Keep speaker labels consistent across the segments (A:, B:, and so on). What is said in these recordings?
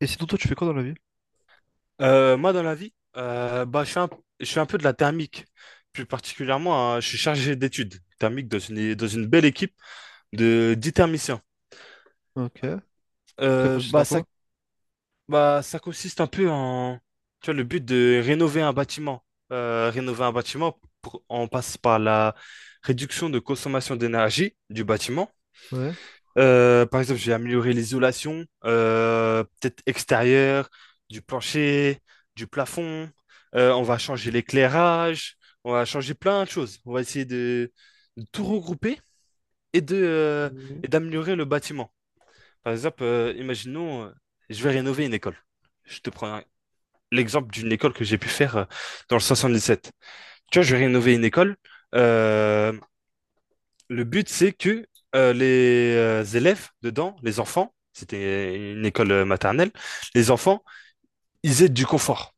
A: Et sinon, toi, tu fais quoi dans la vie?
B: Moi, dans la vie, bah, je fais un peu de la thermique. Plus particulièrement, hein, je suis chargé d'études thermiques dans une belle équipe de 10 thermiciens.
A: Ok. Ça consiste en
B: Bah,
A: quoi?
B: ça consiste un peu en, tu vois, le but de rénover un bâtiment. Rénover un bâtiment, on passe par la réduction de consommation d'énergie du bâtiment.
A: Ouais.
B: Par exemple, j'ai amélioré l'isolation, peut-être extérieure, du plancher, du plafond. On va changer l'éclairage, on va changer plein de choses. On va essayer de tout regrouper et de, euh,
A: Euh,
B: et d'améliorer le bâtiment. Par exemple, imaginons, je vais rénover une école. Je te prends un- L'exemple d'une école que j'ai pu faire dans le 77. Tu vois, je vais rénover une école. Euh, le but, c'est que les élèves dedans, les enfants, c'était une école maternelle, les enfants, ils aient du confort.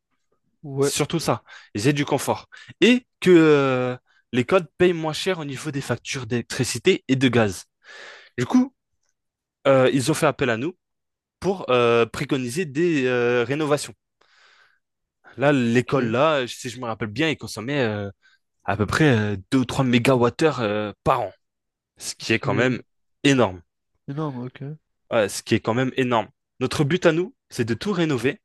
A: Ouais.
B: C'est surtout ça, ils aient du confort. Et que l'école paye moins cher au niveau des factures d'électricité et de gaz. Du coup, ils ont fait appel à nous pour préconiser des rénovations. Là, l'école,
A: Ok.
B: là, si je me rappelle bien, elle consommait à peu près 2 ou 3 mégawattheures par an, ce qui est quand
A: C'est
B: même énorme.
A: énorme, ok.
B: Ce qui est quand même énorme. Notre but à nous, c'est de tout rénover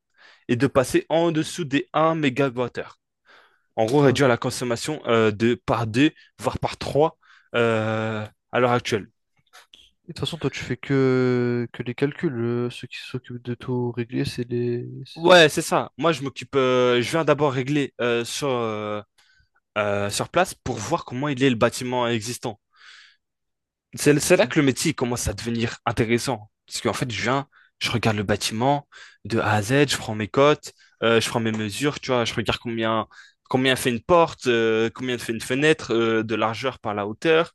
B: et de passer en dessous des 1 mégawattheure. En gros,
A: Enfin,
B: réduire la consommation de par 2, voire par 3 euh, à l'heure actuelle.
A: et de toute façon, toi, tu fais que les calculs. Ceux qui s'occupent de tout régler, c'est
B: Ouais, c'est ça. Moi, je m'occupe. Je viens d'abord régler sur place pour voir comment il est le bâtiment existant. C'est là
A: Ok.
B: que le métier commence à devenir intéressant. Parce qu'en fait, je regarde le bâtiment de A à Z, je prends mes cotes, je prends mes mesures, tu vois, je regarde combien fait une porte, combien fait une fenêtre, de largeur par la hauteur.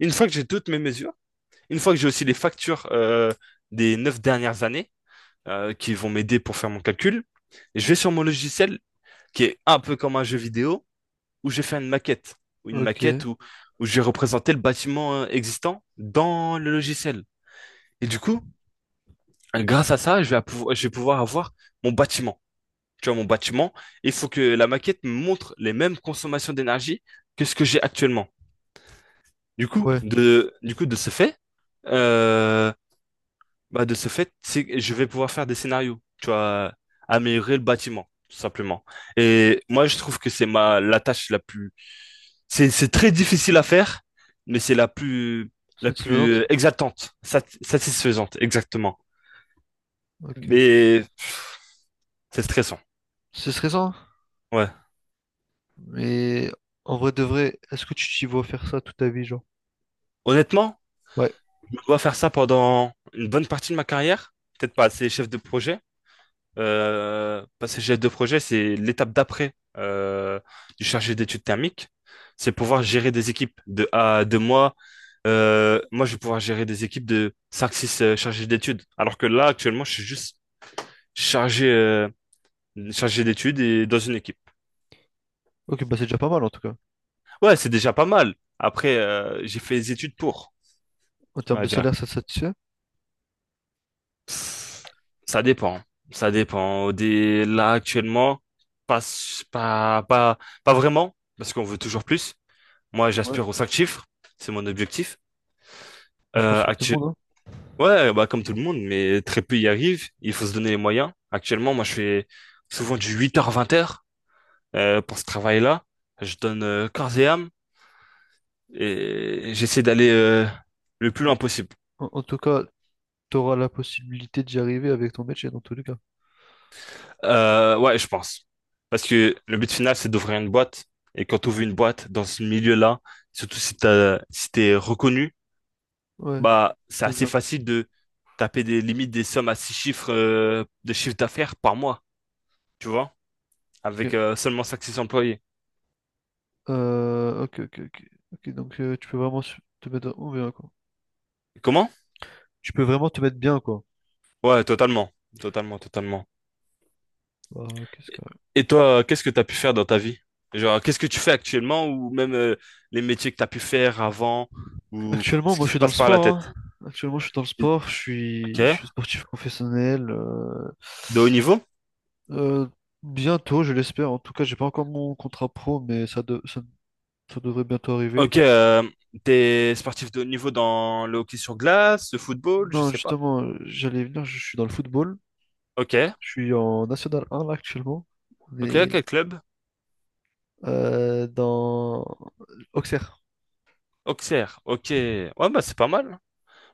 B: Une fois que j'ai toutes mes mesures, une fois que j'ai aussi les factures des 9 dernières années qui vont m'aider pour faire mon calcul, je vais sur mon logiciel qui est un peu comme un jeu vidéo où j'ai fait une maquette, ou une
A: Ok.
B: maquette où j'ai représenté le bâtiment existant dans le logiciel. Et du coup, grâce à ça, je vais pouvoir avoir mon bâtiment. Tu vois, mon bâtiment, il faut que la maquette me montre les mêmes consommations d'énergie que ce que j'ai actuellement.
A: Ouais.
B: Du coup, de ce fait, euh, bah, de ce fait, c'est- je vais pouvoir faire des scénarios, tu vois, améliorer le bâtiment, tout simplement. Et moi, je trouve que c'est la tâche la plus, c'est très difficile à faire, mais c'est la plus,
A: Satisfaisante?
B: exaltante, satisfaisante, exactement.
A: Ok.
B: Mais c'est stressant,
A: C'est stressant,
B: ouais.
A: mais en vrai de vrai, est-ce que tu t'y vois faire ça toute ta vie, genre?
B: Honnêtement,
A: Ouais.
B: je dois faire ça pendant une bonne partie de ma carrière, peut-être pas assez chef de projet. Parce que chef de projet, c'est l'étape d'après du chargé d'études thermiques. C'est pouvoir gérer des équipes de à de moi. Moi, je vais pouvoir gérer des équipes de cinq six chargés d'études. Alors que là, actuellement, je suis juste chargé, euh, chargé d'études et dans une équipe.
A: Ok, bah c'est déjà pas mal en tout cas.
B: Ouais, c'est déjà pas mal. Après, j'ai fait les études pour,
A: En
B: on
A: termes de
B: va dire.
A: salaire, ça te satisfait?
B: Ça dépend. Ça dépend. Des... Là, actuellement, pas, s- pas, pas, pas vraiment, parce qu'on veut toujours plus. Moi,
A: Ouais.
B: j'aspire aux cinq chiffres, c'est mon objectif.
A: Bah, je pense
B: Euh,
A: comme tout le
B: actu-
A: monde, hein.
B: Ouais, bah, comme tout le monde, mais très peu y arrivent. Il faut se donner les moyens. Actuellement, moi, je fais souvent du 8h-20h pour ce travail-là. Je donne corps et âme et j'essaie d'aller le plus
A: Mais
B: loin possible.
A: en, en tout cas, tu auras la possibilité d'y arriver avec ton métier dans tous les cas.
B: Ouais, je pense. Parce que le but final, c'est d'ouvrir une boîte. Et quand tu ouvres une boîte dans ce milieu-là, surtout si t'es reconnu,
A: Ouais,
B: bah, c'est
A: je veux
B: assez
A: bien.
B: facile de taper des limites des sommes à six chiffres de chiffre d'affaires par mois, tu vois, avec
A: Ok,
B: seulement cinq six employés.
A: Ok, ok, ok. Ok, donc tu peux vraiment te mettre oh, bien, quoi.
B: Comment?
A: Tu peux vraiment te mettre bien, quoi.
B: Ouais, totalement, totalement, totalement.
A: Bah, qu'est-ce que...
B: Et et toi, qu'est-ce que tu as pu faire dans ta vie? Genre, qu'est-ce que tu fais actuellement ou même les métiers que tu as pu faire avant ou
A: Actuellement,
B: ce
A: moi,
B: qui
A: je
B: se
A: suis dans le
B: passe par la
A: sport,
B: tête?
A: hein. Actuellement, je suis dans le sport.
B: Ok.
A: Je suis sportif professionnel.
B: De haut niveau?
A: Euh, Bientôt, je l'espère. En tout cas, j'ai pas encore mon contrat pro, mais ça devrait bientôt arriver.
B: Ok, t'es sportif de haut niveau dans le hockey sur glace, le football, je
A: Non,
B: sais pas.
A: justement, j'allais venir. Je suis dans le football.
B: Ok,
A: Je suis en National 1 là actuellement. On
B: ok,
A: est
B: quel club?
A: dans Auxerre.
B: Auxerre, ok. Ouais, bah c'est pas mal.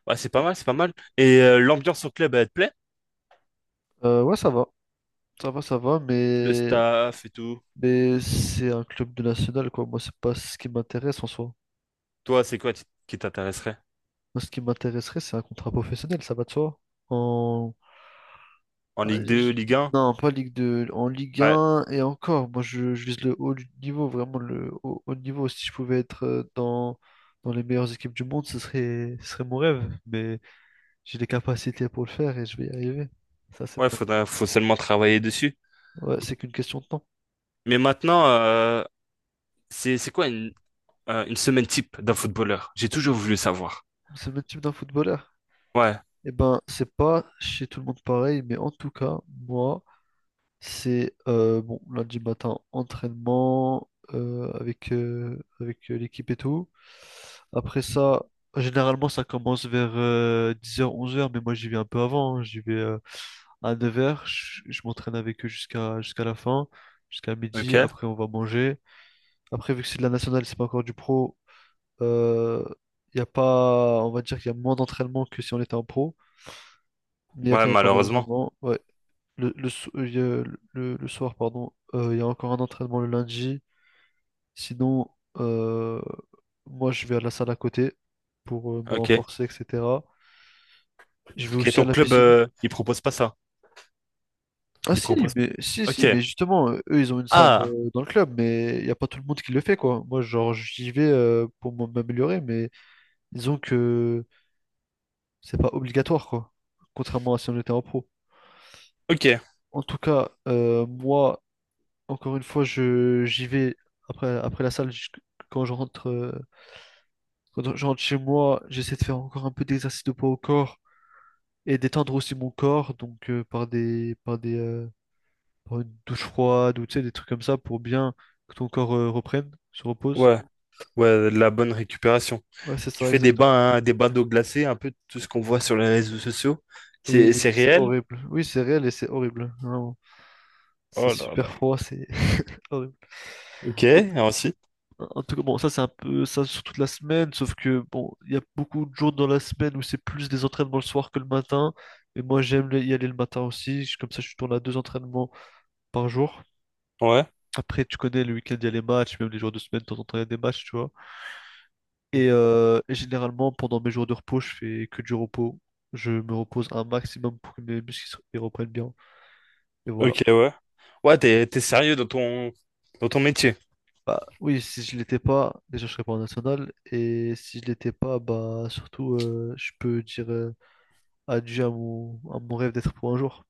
B: Ouais, c'est pas mal, c'est pas mal. Et l'ambiance au club, elle te plaît?
A: Ouais, ça va, ça va, ça va,
B: Le
A: mais,
B: staff et tout.
A: mais c'est un club de national, quoi. Moi, c'est pas ce qui m'intéresse en soi.
B: Toi, c'est quoi qui t'intéresserait?
A: Moi, ce qui m'intéresserait, c'est un contrat professionnel, ça va de soi. En...
B: En
A: Ah,
B: Ligue 2,
A: je-
B: Ligue 1?
A: Non, pas Ligue 2, en Ligue
B: Ouais,
A: 1 et encore. Moi, je vise le haut du niveau, vraiment le haut niveau. Si je pouvais être dans les meilleures équipes du monde, ce serait mon rêve, mais j'ai les capacités pour le faire et je vais y arriver. Ça, c'est
B: ouais,
A: pas...
B: faut seulement travailler dessus.
A: Ouais, c'est qu'une question de temps.
B: Mais maintenant, c'est quoi une semaine type d'un footballeur? J'ai toujours voulu savoir.
A: C'est le même type d'un footballeur.
B: Ouais,
A: Eh ben, c'est pas chez tout le monde pareil, mais en tout cas, moi, c'est bon, lundi matin, entraînement avec l'équipe et tout. Après ça, généralement, ça commence vers dix heures onze heures, mais moi, j'y vais un peu avant, hein. J'y vais à 9 heures, je m'entraîne avec eux jusqu'à la fin, jusqu'à midi.
B: ok.
A: Après, on va manger. Après, vu que c'est de la nationale, c'est pas encore du pro, il y a pas, on va dire qu'il y a moins d'entraînement que si on était en pro. Mais il y a
B: Ouais,
A: quand même pas mal
B: malheureusement.
A: d'entraînements. Ouais. Il y a le soir, pardon, il y a encore un entraînement le lundi. Sinon, euh, moi, je vais à la salle à côté pour me
B: Ok.
A: renforcer, etc. Je vais
B: Et
A: aussi à
B: ton
A: la
B: club,
A: piscine.
B: il propose pas ça.
A: Ah
B: Il
A: si,
B: propose.
A: mais si,
B: Ok.
A: si, mais justement, eux, ils ont une salle
B: Ah,
A: dans le club, mais il n'y a pas tout le monde qui le fait, quoi. Moi, genre, j'y vais pour m'améliorer, mais disons que c'est pas obligatoire, quoi. Contrairement à si on était en pro.
B: ok.
A: En tout cas, moi, encore une fois, je j'y vais après, après la salle. Quand je rentre, quand je rentre chez moi, j'essaie de faire encore un peu d'exercice de poids au corps et d'étendre aussi mon corps, donc par des par une douche froide ou tu sais, des trucs comme ça pour bien que ton corps reprenne, se repose.
B: Ouais, ouais, de la bonne récupération.
A: Ouais, c'est
B: Tu
A: ça
B: fais des
A: exactement.
B: bains, hein, des bains d'eau glacée, un peu tout ce qu'on voit sur les réseaux sociaux. C'est
A: Oui, c'est
B: réel?
A: horrible. Oui, c'est réel et c'est horrible. Vraiment. C'est
B: Oh là là.
A: super froid, c'est horrible.
B: Ok, ah, aussi.
A: En en tout cas, bon, ça c'est un peu ça sur toute la semaine, sauf que bon, il y a beaucoup de jours dans la semaine où c'est plus des entraînements le soir que le matin. Et moi j'aime y aller le matin aussi, comme ça je tourne à deux entraînements par jour.
B: Ouais.
A: Après, tu connais, le week-end, il y a les matchs, même les jours de semaine, de temps en temps, il y a des matchs, tu vois. Et généralement, pendant mes jours de repos, je fais que du repos. Je me repose un maximum pour que mes ils reprennent bien. Et voilà.
B: Ok, ouais. Ouais, t'es sérieux dans dans ton métier.
A: Bah, oui, si je l'étais pas, déjà je serais pas en national. Et si je l'étais pas, bah surtout, je peux dire adieu à à mon rêve d'être pro un jour.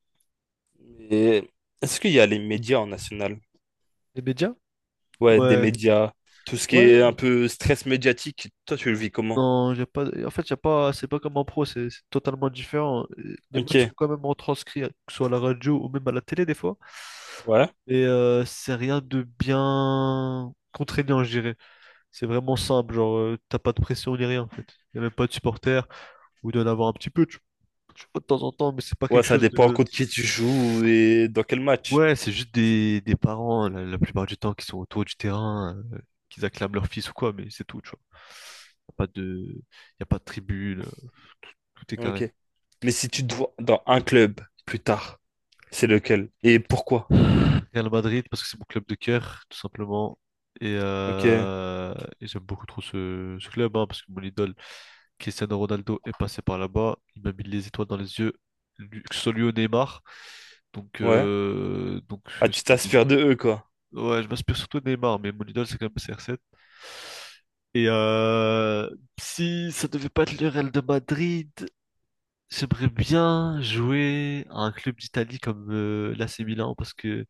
B: Et est-ce qu'il y a les médias en national?
A: Les médias?
B: Ouais, des
A: Ouais,
B: médias, tout ce qui est un
A: ouais.
B: peu stress médiatique. Toi, tu le vis comment?
A: Non, j'ai pas. En fait, y a pas. C'est pas comme en pro, c'est totalement différent. Les matchs sont
B: Ok,
A: quand même retranscrits, hein, que ce soit à la radio ou même à la télé des fois.
B: ouais.
A: Et c'est rien de bien contraignant, je dirais. C'est vraiment simple, genre t'as pas de pression ni rien en fait. Y a même pas de supporters, ou d'en avoir un petit peu, tu vois, de temps en temps, mais c'est pas
B: Ouais,
A: quelque
B: ça
A: chose
B: dépend
A: de...
B: contre qui tu joues et dans quel match.
A: Ouais, c'est juste des parents, la plupart du temps, qui sont autour du terrain, qu'ils acclament leur fils ou quoi, mais c'est tout, tu vois. Y a pas de, Y a pas de tribune, tout est carré.
B: Ok. Mais si tu te vois dans un club plus tard, c'est lequel? Et pourquoi?
A: Real Madrid, parce que c'est mon club de cœur, tout simplement. Et,
B: Ok,
A: euh, et j'aime beaucoup trop ce club, hein, parce que mon idole, Cristiano Ronaldo, est passé par là-bas. Il m'a mis les étoiles dans les yeux, que ce soit lui ou Neymar. Donc,
B: ouais.
A: euh, donc
B: Ah,
A: euh,
B: tu
A: c'est de mes...
B: t'inspires de eux, quoi.
A: Ouais, je m'inspire surtout de Neymar, mais mon idole, c'est quand même CR7. Et si ça devait pas être le Real de Madrid, j'aimerais bien jouer à un club d'Italie comme l'AC Milan parce que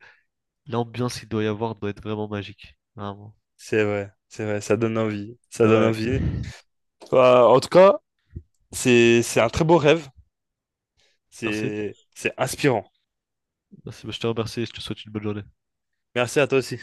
A: l'ambiance qu'il doit y avoir doit être vraiment magique. Vraiment.
B: C'est vrai, ça donne envie. Ça donne
A: Ouais.
B: envie. Bah, en tout cas, c'est un très beau rêve.
A: Merci.
B: C'est inspirant.
A: Merci. Bah, je te remercie et je te souhaite une bonne journée.
B: Merci à toi aussi.